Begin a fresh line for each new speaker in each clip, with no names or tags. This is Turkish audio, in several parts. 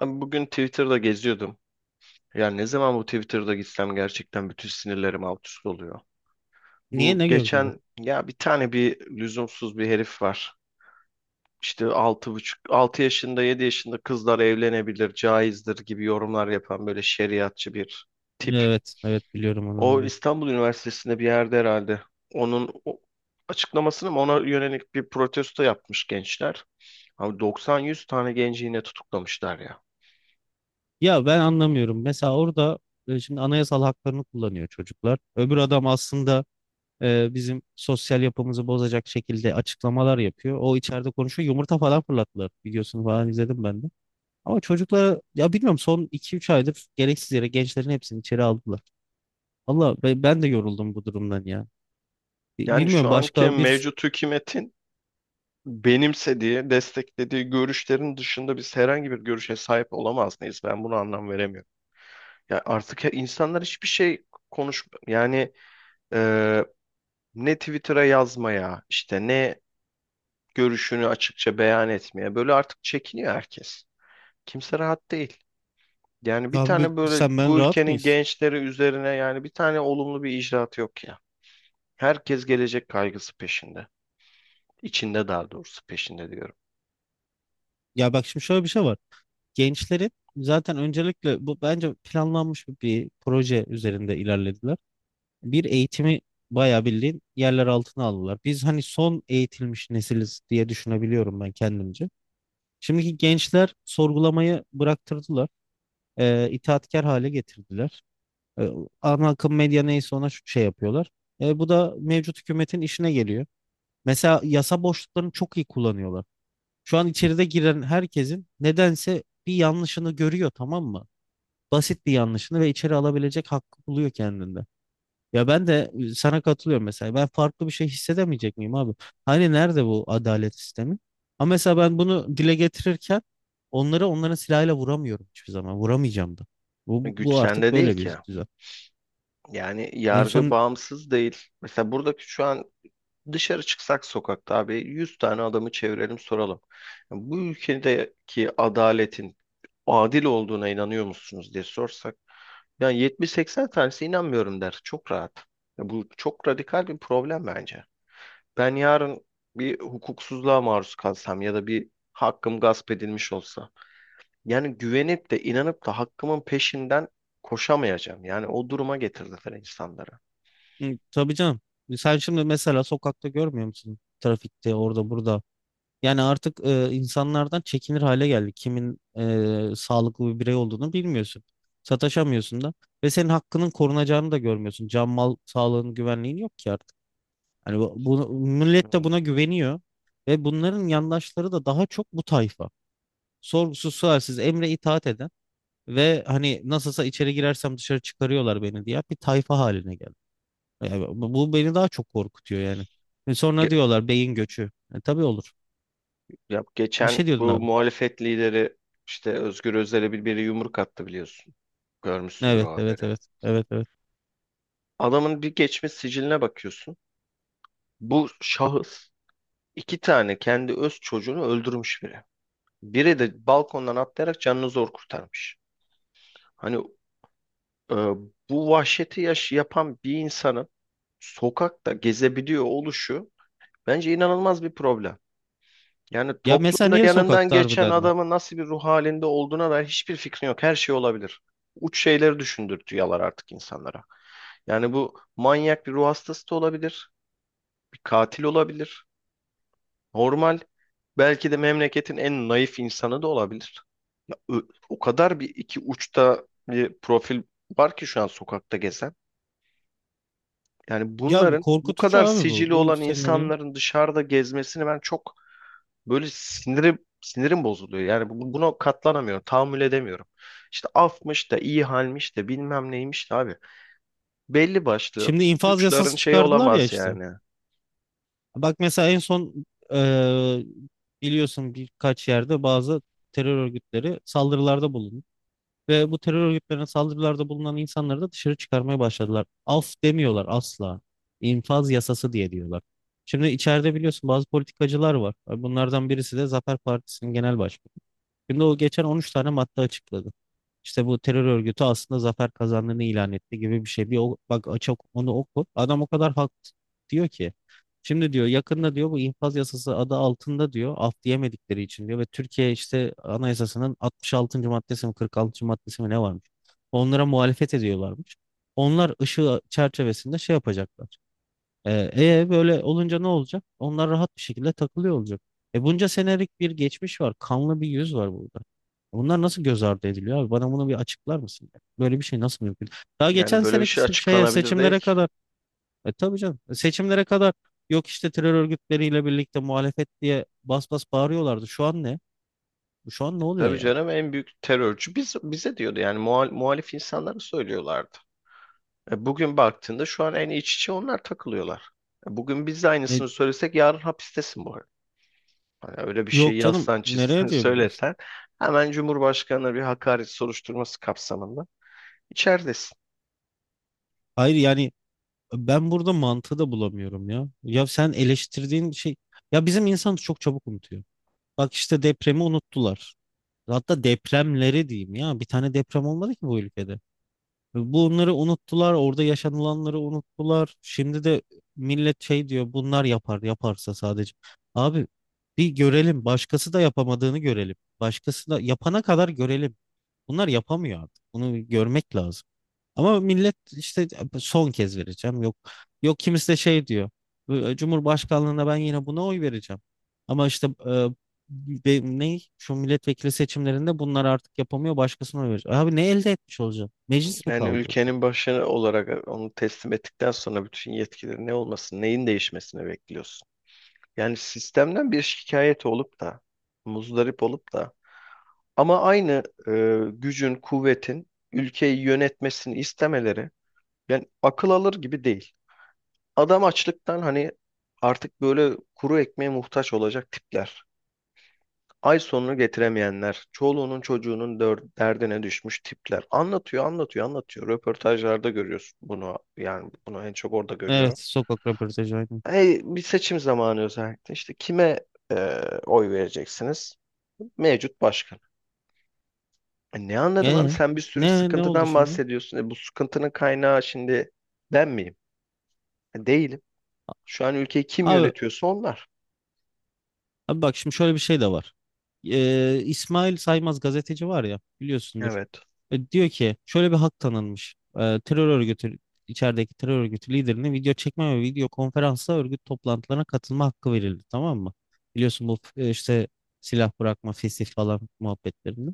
Ben bugün Twitter'da geziyordum. Yani ne zaman bu Twitter'da gitsem gerçekten bütün sinirlerim alt üst oluyor.
Niye
Bu
ne gördün de?
geçen ya bir tane bir lüzumsuz bir herif var. İşte 6,5, 6 yaşında 7 yaşında kızlar evlenebilir, caizdir gibi yorumlar yapan böyle şeriatçı bir tip.
Evet, evet, biliyorum onu
O
aynen.
İstanbul Üniversitesi'nde bir yerde herhalde. Onun açıklamasını mı ona yönelik bir protesto yapmış gençler. Abi 90-100 tane genci yine tutuklamışlar ya.
Ya ben anlamıyorum. Mesela orada şimdi anayasal haklarını kullanıyor çocuklar. Öbür adam aslında bizim sosyal yapımızı bozacak şekilde açıklamalar yapıyor. O içeride konuşuyor. Yumurta falan fırlattılar. Videosunu falan izledim ben de. Ama çocuklara ya bilmiyorum, son iki üç aydır gereksiz yere gençlerin hepsini içeri aldılar. Valla ben de yoruldum bu durumdan ya.
Yani
Bilmiyorum,
şu anki
başka bir
mevcut hükümetin benimsediği, desteklediği görüşlerin dışında biz herhangi bir görüşe sahip olamaz mıyız? Ben bunu anlam veremiyorum. Ya artık insanlar hiçbir şey konuş yani e, ne Twitter'a yazmaya, işte ne görüşünü açıkça beyan etmeye. Böyle artık çekiniyor herkes. Kimse rahat değil. Yani bir
abi
tane böyle
sen ben
bu
rahat
ülkenin
mıyız?
gençleri üzerine yani bir tane olumlu bir icraat yok ya. Herkes gelecek kaygısı peşinde. İçinde daha doğrusu peşinde diyorum.
Ya bak, şimdi şöyle bir şey var. Gençlerin zaten öncelikle bu bence planlanmış bir proje üzerinde ilerlediler. Bir eğitimi bayağı bildiğin yerler altına aldılar. Biz hani son eğitilmiş nesiliz diye düşünebiliyorum ben kendimce. Şimdiki gençler sorgulamayı bıraktırdılar. İtaatkar hale getirdiler. E, Ana akım medya neyse ona şu şey yapıyorlar. Bu da mevcut hükümetin işine geliyor. Mesela yasa boşluklarını çok iyi kullanıyorlar. Şu an içeride giren herkesin nedense bir yanlışını görüyor, tamam mı? Basit bir yanlışını, ve içeri alabilecek hakkı buluyor kendinde. Ya ben de sana katılıyorum mesela. Ben farklı bir şey hissedemeyecek miyim abi? Hani nerede bu adalet sistemi? Ama mesela ben bunu dile getirirken onları onların silahıyla vuramıyorum hiçbir zaman. Vuramayacağım da. Bu,
Güç
bu artık
sende değil
böyle
ki.
bir düzen.
Yani
En
yargı
son,
bağımsız değil. Mesela buradaki şu an dışarı çıksak sokakta abi 100 tane adamı çevirelim, soralım. Bu ülkedeki adaletin adil olduğuna inanıyor musunuz diye sorsak yani 70-80 tanesi inanmıyorum der. Çok rahat. Ya, bu çok radikal bir problem bence. Ben yarın bir hukuksuzluğa maruz kalsam ya da bir hakkım gasp edilmiş olsa yani güvenip de inanıp da hakkımın peşinden koşamayacağım. Yani o duruma getirdiler insanları.
hı, tabii canım. Sen şimdi mesela sokakta görmüyor musun? Trafikte, orada, burada. Yani artık insanlardan çekinir hale geldik. Kimin sağlıklı bir birey olduğunu bilmiyorsun. Sataşamıyorsun da. Ve senin hakkının korunacağını da görmüyorsun. Can mal sağlığın güvenliğin yok ki artık. Hani millet
Hmm.
de buna güveniyor. Ve bunların yandaşları da daha çok bu tayfa. Sorgusuz sualsiz emre itaat eden ve hani nasılsa içeri girersem dışarı çıkarıyorlar beni diye bir tayfa haline geldi. Yani bu beni daha çok korkutuyor yani. Ve
Ya
sonra diyorlar beyin göçü. E, tabii olur.
Ya,
Bir
geçen
şey diyordun
bu
abi.
muhalefet lideri işte Özgür Özel'e biri yumruk attı, biliyorsun. Görmüşsündür
Evet,
o
evet,
haberi.
evet. Evet, evet.
Adamın bir geçmiş siciline bakıyorsun. Bu şahıs iki tane kendi öz çocuğunu öldürmüş biri. Biri de balkondan atlayarak canını zor kurtarmış. Hani e, bu vahşeti yaş yapan bir insanın sokakta gezebiliyor oluşu bence inanılmaz bir problem. Yani
Ya mesela
toplumda
niye
yanından
sokakta
geçen
harbiden de?
adamın nasıl bir ruh halinde olduğuna dair hiçbir fikrin yok. Her şey olabilir. Uç şeyleri düşündürtüyorlar artık insanlara. Yani bu manyak bir ruh hastası da olabilir. Bir katil olabilir. Normal. Belki de memleketin en naif insanı da olabilir. Ö- O kadar bir iki uçta bir profil var ki şu an sokakta gezen. Yani
Ya
bunların bu
korkutucu
kadar
abi bu.
sicili
Bu
olan
senaryo.
insanların dışarıda gezmesini ben çok... Böyle sinirim sinirim bozuluyor. Yani buna katlanamıyorum. Tahammül edemiyorum. İşte afmış da iyi halmiş de bilmem neymiş de abi. Belli başlı
Şimdi infaz
suçların
yasası
şeyi
çıkardılar ya
olamaz
işte.
yani.
Bak mesela en son, eee, biliyorsun birkaç yerde bazı terör örgütleri saldırılarda bulundu. Ve bu terör örgütlerine saldırılarda bulunan insanları da dışarı çıkarmaya başladılar. Af demiyorlar asla. İnfaz yasası diyorlar. Şimdi içeride biliyorsun bazı politikacılar var. Bunlardan birisi de Zafer Partisi'nin genel başkanı. Şimdi o geçen 13 tane madde açıkladı. İşte bu terör örgütü aslında zafer kazandığını ilan etti gibi bir şey. Bir o, bak açık onu oku. Adam o kadar haklı diyor ki. Şimdi diyor yakında diyor bu infaz yasası adı altında diyor af diyemedikleri için diyor ve Türkiye işte anayasasının 66. maddesi mi 46. maddesi mi ne varmış? Onlara muhalefet ediyorlarmış. Onlar ışığı çerçevesinde şey yapacaklar. E, böyle olunca ne olacak? Onlar rahat bir şekilde takılıyor olacak. E bunca senelik bir geçmiş var. Kanlı bir yüz var burada. Bunlar nasıl göz ardı ediliyor abi? Bana bunu bir açıklar mısın? Böyle bir şey nasıl mümkün? Daha
Yani
geçen
böyle bir
seneki
şey
şeye
açıklanabilir değil
seçimlere
ki.
kadar e tabii canım, seçimlere kadar yok işte terör örgütleriyle birlikte muhalefet diye bas bas bağırıyorlardı. Şu an ne? Şu an ne oluyor
Tabii
yani?
canım, en büyük terörcü biz, bize diyordu yani muhalif insanlara söylüyorlardı. E, bugün baktığında şu an en iç içe onlar takılıyorlar. E, bugün biz de
E,
aynısını söylesek yarın hapistesin bu arada. Hani öyle bir şey
yok canım
yazsan çizsen
nereye diyor biliyorsun?
söylesen hemen Cumhurbaşkanı'na bir hakaret soruşturması kapsamında İçeridesin.
Hayır yani ben burada mantığı da bulamıyorum ya. Ya sen eleştirdiğin şey, ya bizim insanımız çok çabuk unutuyor. Bak işte depremi unuttular. Hatta depremleri diyeyim ya. Bir tane deprem olmadı ki bu ülkede. Bunları unuttular. Orada yaşanılanları unuttular. Şimdi de millet şey diyor. Bunlar yapar yaparsa sadece. Abi bir görelim. Başkası da yapamadığını görelim. Başkası da yapana kadar görelim. Bunlar yapamıyor artık. Bunu görmek lazım. Ama millet işte son kez vereceğim. Yok, yok, kimisi de şey diyor. "E, Cumhurbaşkanlığına ben yine buna oy vereceğim. Ama işte ne şu milletvekili seçimlerinde bunlar artık yapamıyor başkasına oy verecek. Abi ne elde etmiş olacağım? Meclis mi
Yani
kaldı orada?
ülkenin başkanı olarak onu teslim ettikten sonra bütün yetkileri ne olmasın, neyin değişmesini bekliyorsun? Yani sistemden bir şikayet olup da, muzdarip olup da ama aynı gücün, kuvvetin ülkeyi yönetmesini istemeleri yani akıl alır gibi değil. Adam açlıktan hani artık böyle kuru ekmeğe muhtaç olacak tipler. Ay sonunu getiremeyenler, çoluğunun çocuğunun derdine düşmüş tipler. Anlatıyor, anlatıyor, anlatıyor. Röportajlarda görüyorsun bunu. Yani bunu en çok orada görüyorum.
Evet sokak röportajı aynen.
Hey, bir seçim zamanı özellikle. İşte kime e, oy vereceksiniz? Mevcut başkan. E, ne anladım abi?
Ee,
Sen bir sürü
ne oldu
sıkıntıdan
şimdi?
bahsediyorsun. E, bu sıkıntının kaynağı şimdi ben miyim? E, değilim. Şu an ülkeyi kim
Abi,
yönetiyorsa onlar.
abi bak, şimdi şöyle bir şey de var. İsmail Saymaz gazeteci var ya biliyorsundur.
Evet.
E, diyor ki şöyle bir hak tanınmış. E, terör örgütü, içerideki terör örgütü liderine video çekme ve video konferansla örgüt toplantılarına katılma hakkı verildi, tamam mı? Biliyorsun bu işte silah bırakma, fesih falan muhabbetlerinde.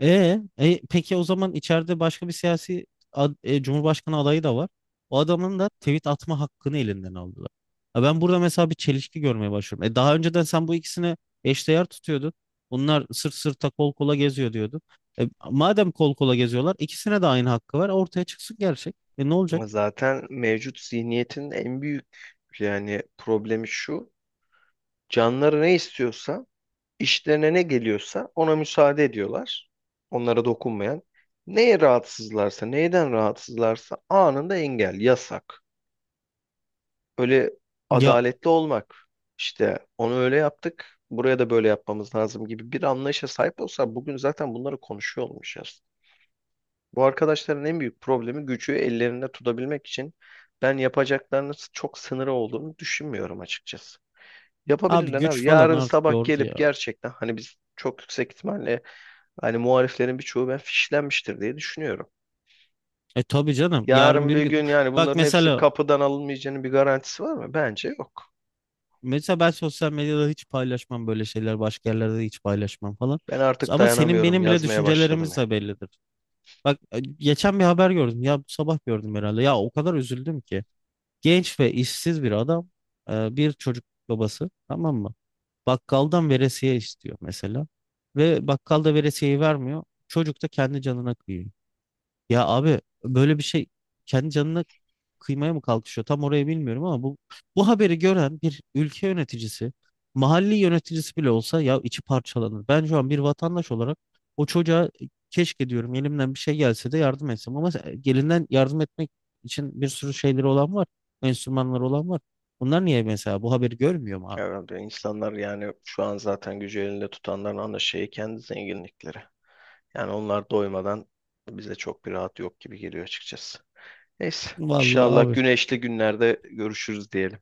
Peki o zaman içeride başka bir siyasi Cumhurbaşkanı adayı da var. O adamın da tweet atma hakkını elinden aldılar. Ha, ben burada mesela bir çelişki görmeye başlıyorum. E, daha önceden sen bu ikisini eşdeğer tutuyordun. Bunlar sırt sırta kol kola geziyor diyordun. E, madem kol kola geziyorlar ikisine de aynı hakkı var. Ortaya çıksın gerçek. E, ne olacak?
Zaten mevcut zihniyetin en büyük yani problemi şu. Canları ne istiyorsa, işlerine ne geliyorsa ona müsaade ediyorlar. Onlara dokunmayan. Neye rahatsızlarsa, neyden rahatsızlarsa anında engel, yasak. Öyle
Ya
adaletli olmak. İşte onu öyle yaptık, buraya da böyle yapmamız lazım gibi bir anlayışa sahip olsa bugün zaten bunları konuşuyor olmayacağız. Bu arkadaşların en büyük problemi gücü ellerinde tutabilmek için ben yapacaklarının çok sınırı olduğunu düşünmüyorum açıkçası.
abi
Yapabilirler abi.
güç falan
Yarın
artık
sabah
yordu
gelip
ya.
gerçekten hani biz çok yüksek ihtimalle hani muhaliflerin birçoğu ben fişlenmiştir diye düşünüyorum.
E tabii canım. Yarın
Yarın
bir
bir
gün.
gün yani
Bak
bunların hepsi
mesela,
kapıdan alınmayacağının bir garantisi var mı? Bence yok.
mesela ben sosyal medyada hiç paylaşmam böyle şeyler. Başka yerlerde de hiç paylaşmam falan.
Ben artık
Ama senin
dayanamıyorum.
benim bile
Yazmaya başladım
düşüncelerimiz
ya.
de bellidir. Bak geçen bir haber gördüm. Ya bu sabah gördüm herhalde. Ya o kadar üzüldüm ki. Genç ve işsiz bir adam, bir çocuk babası, tamam mı? Bakkaldan veresiye istiyor mesela. Ve bakkal da veresiyeyi vermiyor. Çocuk da kendi canına kıyıyor. Ya abi böyle bir şey, kendi canına kıymaya mı kalkışıyor? Tam orayı bilmiyorum ama bu haberi gören bir ülke yöneticisi, mahalli yöneticisi bile olsa ya içi parçalanır. Ben şu an bir vatandaş olarak o çocuğa "E, keşke diyorum elimden bir şey gelse de yardım etsem ama gelinden yardım etmek için bir sürü şeyleri olan var. Enstrümanları olan var. Bunlar niye mesela bu haberi görmüyor mu abi?
Herhalde insanlar yani şu an zaten gücü elinde tutanların ana şeyi kendi zenginlikleri. Yani onlar doymadan bize çok bir rahat yok gibi geliyor açıkçası. Neyse,
Vallahi
inşallah
abi
güneşli günlerde görüşürüz diyelim.